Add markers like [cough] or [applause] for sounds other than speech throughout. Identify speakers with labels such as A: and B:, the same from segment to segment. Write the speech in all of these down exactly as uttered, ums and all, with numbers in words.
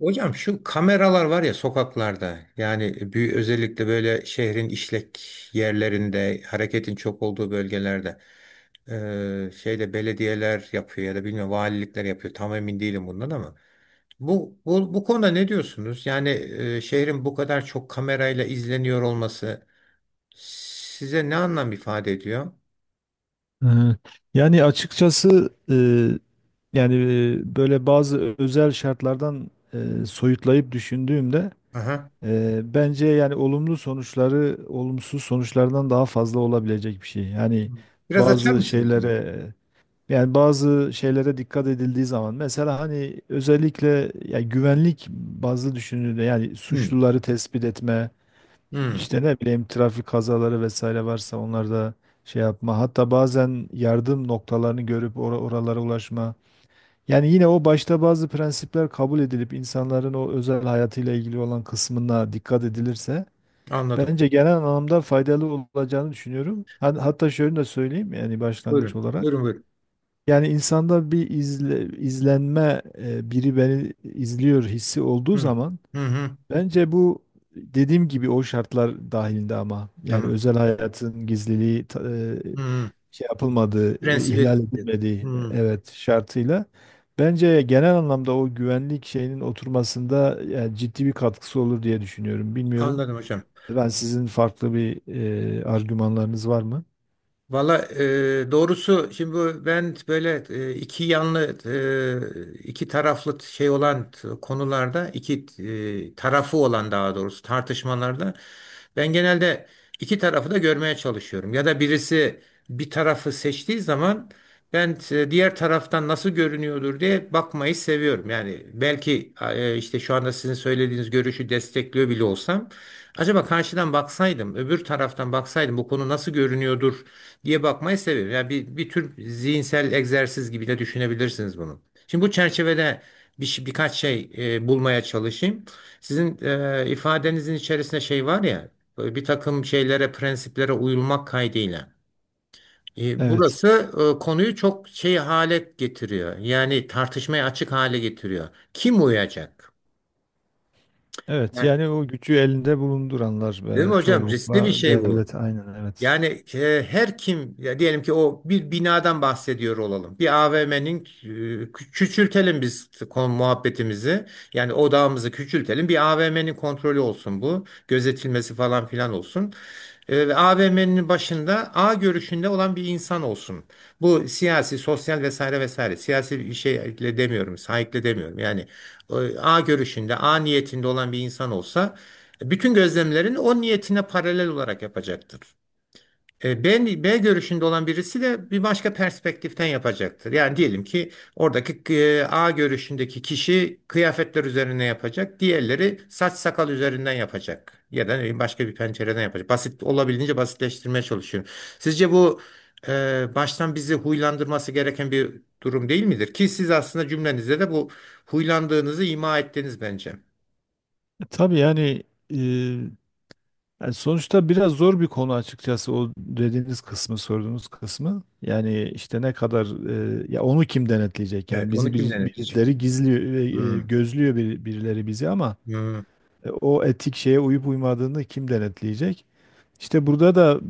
A: Hocam şu kameralar var ya sokaklarda, yani büyük, özellikle böyle şehrin işlek yerlerinde, hareketin çok olduğu bölgelerde eee, şeyde belediyeler yapıyor ya da bilmiyorum, valilikler yapıyor, tam emin değilim bundan. Ama bu bu, bu konuda ne diyorsunuz? Yani eee, şehrin bu kadar çok kamerayla izleniyor olması size ne anlam ifade ediyor?
B: Ee, Yani açıkçası e, yani e, böyle bazı özel şartlardan e, soyutlayıp düşündüğümde,
A: Aha.
B: e, bence yani olumlu sonuçları olumsuz sonuçlardan daha fazla olabilecek bir şey. Yani
A: Biraz açar
B: bazı
A: mısınız bunu?
B: şeylere yani bazı şeylere dikkat edildiği zaman, mesela hani özellikle ya güvenlik bazı düşünülüyor, yani
A: Hı.
B: suçluları tespit etme,
A: Hı.
B: işte ne bileyim trafik kazaları vesaire varsa onlar da şey yapma. Hatta bazen yardım noktalarını görüp or- oralara ulaşma. Yani yine o başta bazı prensipler kabul edilip insanların o özel hayatıyla ilgili olan kısmına dikkat edilirse
A: Anladım.
B: bence genel anlamda faydalı olacağını düşünüyorum. Hat- Hatta şöyle de söyleyeyim, yani başlangıç
A: Buyurun.
B: olarak.
A: Buyurun buyurun.
B: Yani insanda bir izle- izlenme e, biri beni izliyor hissi olduğu
A: Hı.
B: zaman,
A: Hı hı.
B: bence bu, dediğim gibi, o şartlar dahilinde, ama yani
A: Tamam.
B: özel hayatın gizliliği ta- e,
A: Hı.
B: şey yapılmadığı, e, ihlal
A: Prensibi.
B: edilmediği,
A: Hmm,
B: evet, şartıyla bence genel anlamda o güvenlik şeyinin oturmasında yani ciddi bir katkısı olur diye düşünüyorum. Bilmiyorum.
A: anladım hocam.
B: Ben sizin farklı bir e, argümanlarınız var mı?
A: Valla e, doğrusu şimdi bu- ben böyle e, iki yanlı, e, iki taraflı şey olan, t- konularda iki, e, tarafı olan, daha doğrusu tartışmalarda ben genelde iki tarafı da görmeye çalışıyorum. Ya da birisi bir tarafı seçtiği zaman ben e, diğer taraftan nasıl görünüyordur diye bakmayı seviyorum. Yani belki e, işte şu anda sizin söylediğiniz görüşü destekliyor bile olsam, acaba karşıdan baksaydım, öbür taraftan baksaydım bu konu nasıl görünüyordur diye bakmayı seviyorum. Yani bir, bir tür zihinsel egzersiz gibi de düşünebilirsiniz bunu. Şimdi bu çerçevede bir, şey- birkaç şey e, bulmaya çalışayım. Sizin e, ifadenizin içerisinde şey var ya, böyle bir takım şeylere, prensiplere uyulmak kaydıyla. E,
B: Evet.
A: burası e, konuyu çok şey hale getiriyor. Yani tartışmaya açık hale getiriyor. Kim uyacak?
B: Evet,
A: Yani,
B: yani o gücü elinde bulunduranlar
A: değil mi
B: ve
A: hocam? Riskli bir
B: çoğunlukla
A: şey bu.
B: devlet, aynen evet.
A: Yani e, her kim ya, diyelim ki o bir binadan bahsediyor olalım. Bir A V M'nin e, küçültelim biz kon- muhabbetimizi. Yani odağımızı küçültelim. Bir A V M'nin kontrolü olsun bu. Gözetilmesi falan filan olsun. E, ve A V M'nin başında A görüşünde olan bir insan olsun. Bu siyasi, sosyal, vesaire vesaire. Siyasi bir şeyle demiyorum, sahikle demiyorum. Yani e, A görüşünde, A niyetinde olan bir insan olsa, bütün gözlemlerini o niyetine paralel olarak yapacaktır. E, B, B görüşünde olan birisi de bir başka perspektiften yapacaktır. Yani diyelim ki oradaki e, A görüşündeki kişi kıyafetler üzerine yapacak, diğerleri saç sakal üzerinden yapacak ya da ne bileyim başka bir pencereden yapacak. Basit, olabildiğince basitleştirmeye çalışıyorum. Sizce bu e, baştan bizi huylandırması gereken bir durum değil midir? Ki siz aslında cümlenizde de bu huylandığınızı ima ettiniz bence.
B: E, Tabii yani, e, yani sonuçta biraz zor bir konu açıkçası o dediğiniz kısmı, sorduğunuz kısmı. Yani işte ne kadar, e, ya onu kim denetleyecek? Yani
A: Evet, onu
B: bizi
A: kim
B: bir,
A: denetleyecek?
B: birileri gizliyor, e, e,
A: Hmm.
B: gözlüyor bir- birileri bizi, ama
A: Hmm.
B: e, o etik şeye uyup uymadığını kim denetleyecek? İşte burada da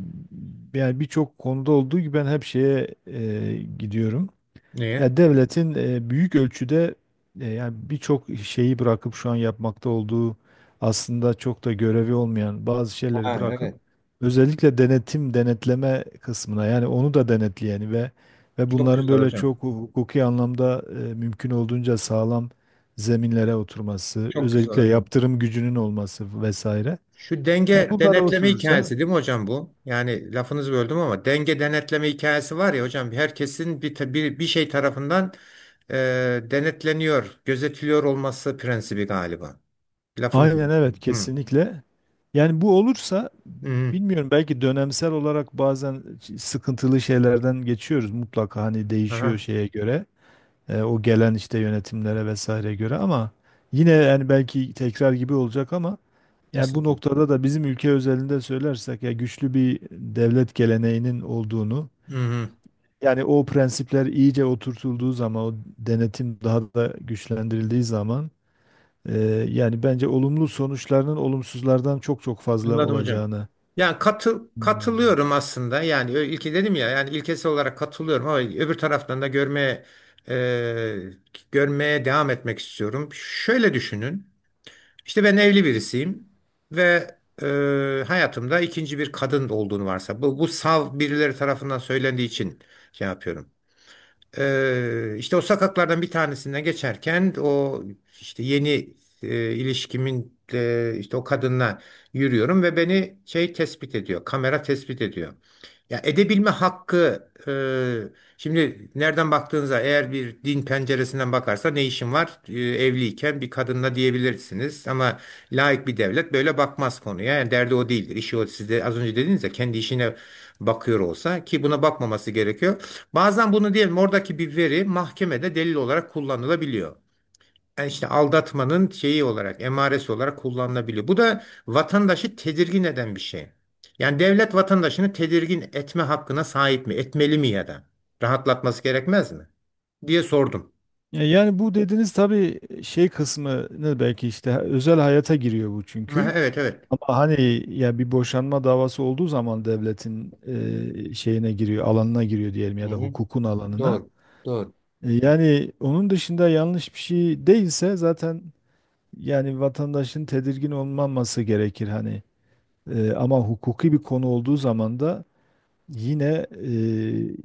B: yani birçok konuda olduğu gibi ben hep şeye e, gidiyorum.
A: Niye?
B: Ya devletin e, büyük ölçüde, e, yani birçok şeyi bırakıp şu an yapmakta olduğu aslında çok da görevi olmayan bazı şeyleri
A: Ha,
B: bırakıp
A: evet.
B: özellikle denetim denetleme kısmına, yani onu da denetleyeni, ve ve
A: Çok
B: bunların
A: güzel
B: böyle
A: hocam.
B: çok hukuki anlamda, e, mümkün olduğunca sağlam zeminlere oturması,
A: Çok güzel
B: özellikle
A: hocam.
B: yaptırım gücünün olması vesaire.
A: Şu
B: Yani
A: denge
B: bunlara
A: denetleme
B: oturursa,
A: hikayesi değil mi hocam bu? Yani lafınızı böldüm ama denge denetleme hikayesi var ya hocam, herkesin bir ta- bir, bir şey tarafından e, denetleniyor, gözetiliyor olması prensibi galiba. Lafınızı.
B: aynen evet,
A: Hı.
B: kesinlikle. Yani bu olursa,
A: Hı.
B: bilmiyorum, belki dönemsel olarak bazen sıkıntılı şeylerden geçiyoruz mutlaka, hani değişiyor
A: Aha.
B: şeye göre, e, o gelen işte yönetimlere vesaire göre, ama yine yani belki tekrar gibi olacak ama yani bu
A: Estağfurullah.
B: noktada da bizim ülke özelinde söylersek ya güçlü bir devlet geleneğinin olduğunu,
A: Hı hı.
B: yani o prensipler iyice oturtulduğu zaman, o denetim daha da güçlendirildiği zaman, e, yani bence olumlu sonuçlarının olumsuzlardan çok çok fazla
A: Anladım hocam.
B: olacağını.
A: Yani katıl, katılıyorum aslında. Yani ö- ilki dedim ya, yani ilkesi olarak katılıyorum ama öbür taraftan da görmeye, e, görmeye devam etmek istiyorum. Şöyle düşünün. İşte ben evli birisiyim ve, e, hayatımda ikinci bir kadın olduğunu varsa, bu, bu sav birileri tarafından söylendiği için şey yapıyorum. E, işte o sokaklardan bir tanesinden geçerken o işte yeni e, ilişkimin e, işte o kadınla yürüyorum ve beni şey tespit ediyor. Kamera tespit ediyor. Ya edebilme hakkı, e, şimdi nereden baktığınıza, eğer bir din penceresinden bakarsa ne işin var, e, evliyken bir kadınla, diyebilirsiniz ama laik bir devlet böyle bakmaz konuya. Yani derdi o değildir, işi o, siz de az önce dediniz ya kendi işine bakıyor olsa, ki buna bakmaması gerekiyor, bazen bunu diyelim oradaki bir veri mahkemede delil olarak kullanılabiliyor. Yani işte aldatmanın şeyi olarak, emaresi olarak kullanılabiliyor. Bu da vatandaşı tedirgin eden bir şey. Yani devlet vatandaşını tedirgin etme hakkına sahip mi? Etmeli mi ya da? Rahatlatması gerekmez mi? Diye sordum.
B: Ya yani bu dediğiniz tabii şey kısmını belki işte özel hayata giriyor bu,
A: Ha,
B: çünkü.
A: evet, evet.
B: Ama hani ya bir boşanma davası olduğu zaman devletin e, şeyine giriyor, alanına giriyor diyelim,
A: Hı
B: ya da
A: hı.
B: hukukun alanına.
A: Doğru. Doğru.
B: E, yani onun dışında yanlış bir şey değilse zaten yani vatandaşın tedirgin olmaması gerekir hani. E, ama hukuki bir konu olduğu zaman da yine, e,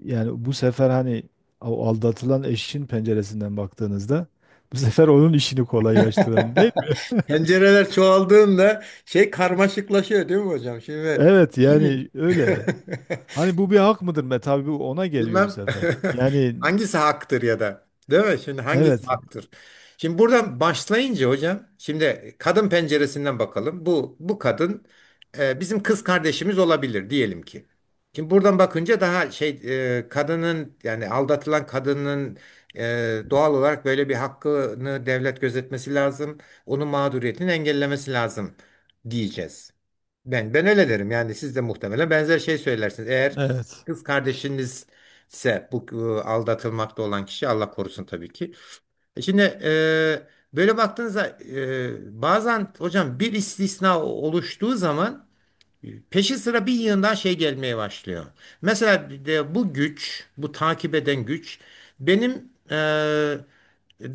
B: yani bu sefer hani o aldatılan eşin penceresinden baktığınızda bu sefer onun işini kolaylaştıran, değil
A: [laughs]
B: mi?
A: Pencereler çoğaldığında şey karmaşıklaşıyor değil mi hocam? Şimdi,
B: Evet
A: şimdi
B: yani öyle.
A: [laughs]
B: Hani bu bir hak mıdır be? Tabii bu ona geliyor bu
A: bilmem
B: sefer. Yani
A: [laughs] hangisi haktır ya da değil mi? Şimdi hangisi
B: evet.
A: haktır? Şimdi buradan başlayınca hocam, şimdi kadın penceresinden bakalım. Bu bu kadın e, bizim kız kardeşimiz olabilir diyelim ki. Şimdi buradan bakınca daha şey, e, kadının, yani aldatılan kadının e, doğal olarak böyle bir hakkını devlet gözetmesi lazım. Onun mağduriyetini engellemesi lazım diyeceğiz. Ben, ben öyle derim. Yani siz de muhtemelen benzer şey söylersiniz. Eğer
B: Evet.
A: kız kardeşiniz ise bu e, aldatılmakta olan kişi, Allah korusun tabii ki. E, şimdi e, böyle baktığınızda e, bazen hocam bir istisna oluştuğu zaman peşi sıra bir yığından şey gelmeye başlıyor. Mesela bir de bu güç, bu takip eden güç benim eee,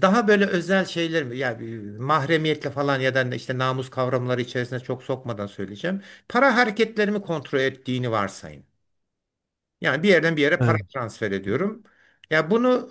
A: daha böyle özel şeyler, yani mahremiyetle falan ya da işte namus kavramları içerisine çok sokmadan söyleyeceğim. Para hareketlerimi kontrol ettiğini varsayın. Yani bir yerden bir yere para
B: Evet.
A: transfer ediyorum. Ya bunu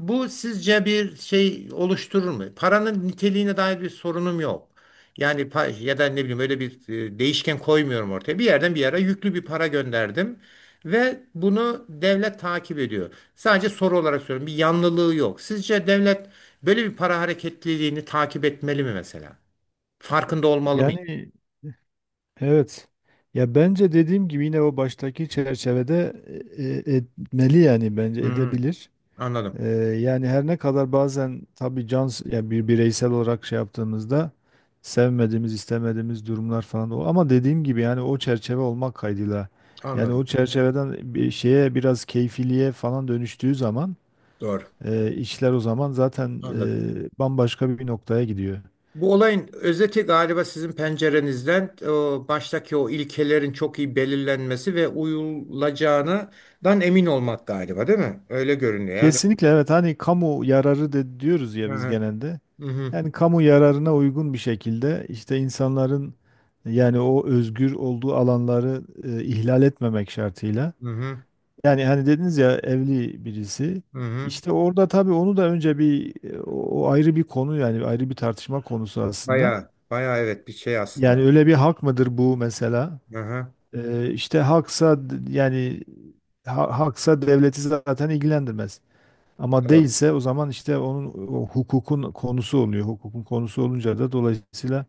A: e, bu sizce bir şey oluşturur mu? Paranın niteliğine dair bir sorunum yok. Yani pa- ya da ne bileyim, öyle bir e, değişken koymuyorum ortaya. Bir yerden bir yere yüklü bir para gönderdim ve bunu devlet takip ediyor. Sadece soru olarak söylüyorum, bir yanlılığı yok. Sizce devlet böyle bir para hareketliliğini takip etmeli mi mesela? Farkında olmalı mı?
B: Yani evet. Ya bence dediğim gibi yine o baştaki çerçevede, e, e, etmeli, yani bence
A: Hı,
B: edebilir.
A: anladım.
B: Ee, Yani her ne kadar bazen tabii can, yani bir bireysel olarak şey yaptığımızda sevmediğimiz, istemediğimiz durumlar falan o, ama dediğim gibi yani o çerçeve olmak kaydıyla, yani o
A: Anladım.
B: çerçeveden bir şeye biraz keyfiliğe falan dönüştüğü zaman
A: Doğru.
B: e, işler, o zaman zaten
A: Anladım.
B: e, bambaşka bir noktaya gidiyor.
A: Bu olayın özeti galiba sizin pencerenizden, e, baştaki o ilkelerin çok iyi belirlenmesi ve uyulacağından emin olmak galiba, değil mi? Öyle görünüyor. Yani
B: Kesinlikle evet, hani kamu yararı de diyoruz ya biz
A: hı
B: genelde.
A: hı, hı
B: Yani kamu yararına uygun bir şekilde, işte insanların yani o özgür olduğu alanları e, ihlal etmemek şartıyla.
A: hı,
B: Yani hani dediniz ya, evli birisi.
A: hı hı, hı.
B: İşte orada tabii onu da önce bir, e, o o ayrı bir konu, yani ayrı bir tartışma konusu aslında.
A: Bayağı bayağı evet, bir şey
B: Yani
A: aslında.
B: öyle bir hak mıdır bu mesela?
A: Hı hı,
B: E, işte haksa d- yani ha- haksa devleti zaten ilgilendirmez. Ama
A: doğru.
B: değilse o zaman işte onun o hukukun konusu oluyor. Hukukun konusu olunca da dolayısıyla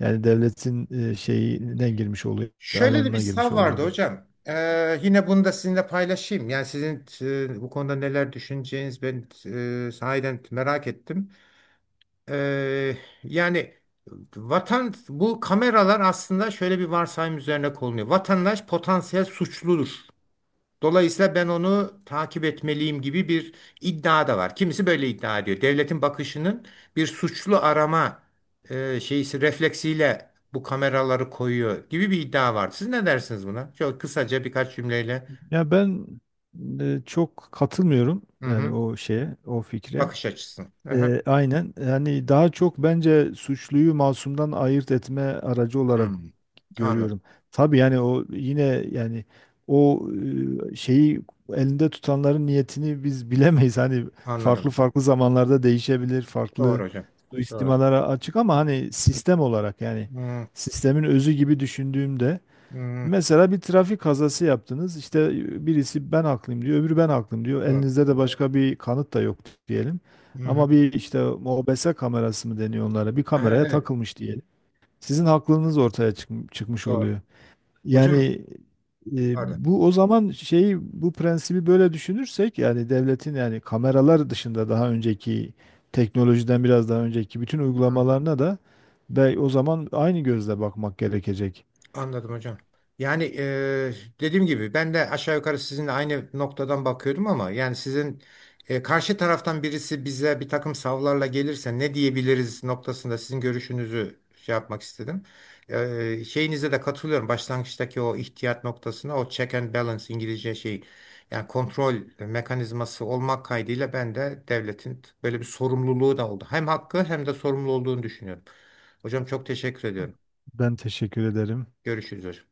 B: yani devletin e, şeyine girmiş oluyor,
A: Şöyle de bir
B: alanına girmiş
A: sav
B: oluyor
A: vardı
B: gibi.
A: hocam. Ee, yine bunu da sizinle paylaşayım. Yani sizin e, bu konuda neler düşüneceğiniz, ben e, sahiden merak ettim. Eee, yani vatan, bu kameralar aslında şöyle bir varsayım üzerine konuluyor: vatandaş potansiyel suçludur, dolayısıyla ben onu takip etmeliyim gibi bir iddia da var. Kimisi böyle iddia ediyor. Devletin bakışının bir suçlu arama eee şeysi refleksiyle bu kameraları koyuyor gibi bir iddia var. Siz ne dersiniz buna? Çok kısaca birkaç cümleyle.
B: Ya ben e, çok katılmıyorum
A: Hı
B: yani
A: hı.
B: o şeye, o fikre.
A: Bakış açısı. Hı hı.
B: E, aynen, yani daha çok bence suçluyu masumdan ayırt etme aracı olarak
A: Hmm.
B: görüyorum.
A: Anladım.
B: Tabii yani o yine, yani o e, şeyi elinde tutanların niyetini biz [laughs] bilemeyiz. Hani farklı
A: Anladım.
B: farklı zamanlarda değişebilir,
A: Doğru
B: farklı
A: hocam. Doğru.
B: suistimalara açık, ama hani sistem olarak, yani
A: Hmm.
B: sistemin özü gibi düşündüğümde,
A: Hmm.
B: mesela bir trafik kazası yaptınız. İşte birisi ben haklıyım diyor, öbürü ben haklıyım diyor.
A: Doğru.
B: Elinizde de başka bir kanıt da yok diyelim.
A: Hı hı.
B: Ama bir işte O B S kamerası mı deniyor onlara? Bir
A: Aha,
B: kameraya
A: evet.
B: takılmış diyelim. Sizin haklılığınız ortaya çıkm- çıkmış
A: Doğru.
B: oluyor.
A: Hocam
B: Yani e,
A: pardon.
B: bu o zaman şeyi, bu prensibi böyle düşünürsek, yani devletin, yani kameralar dışında daha önceki teknolojiden, biraz daha önceki bütün uygulamalarına da be, o zaman aynı gözle bakmak gerekecek.
A: Anladım hocam. Yani eee, dediğim gibi ben de aşağı yukarı sizinle aynı noktadan bakıyordum ama, yani sizin e, karşı taraftan birisi bize bir takım savlarla gelirse ne diyebiliriz noktasında sizin görüşünüzü şey yapmak istedim. Eee, şeyinize de katılıyorum. Başlangıçtaki o ihtiyat noktasına, o check and balance, İngilizce şey, yani kontrol mekanizması olmak kaydıyla, ben de devletin böyle bir sorumluluğu da oldu, hem hakkı hem de sorumlu olduğunu düşünüyorum. Hocam çok teşekkür ediyorum.
B: Ben teşekkür ederim.
A: Görüşürüz hocam.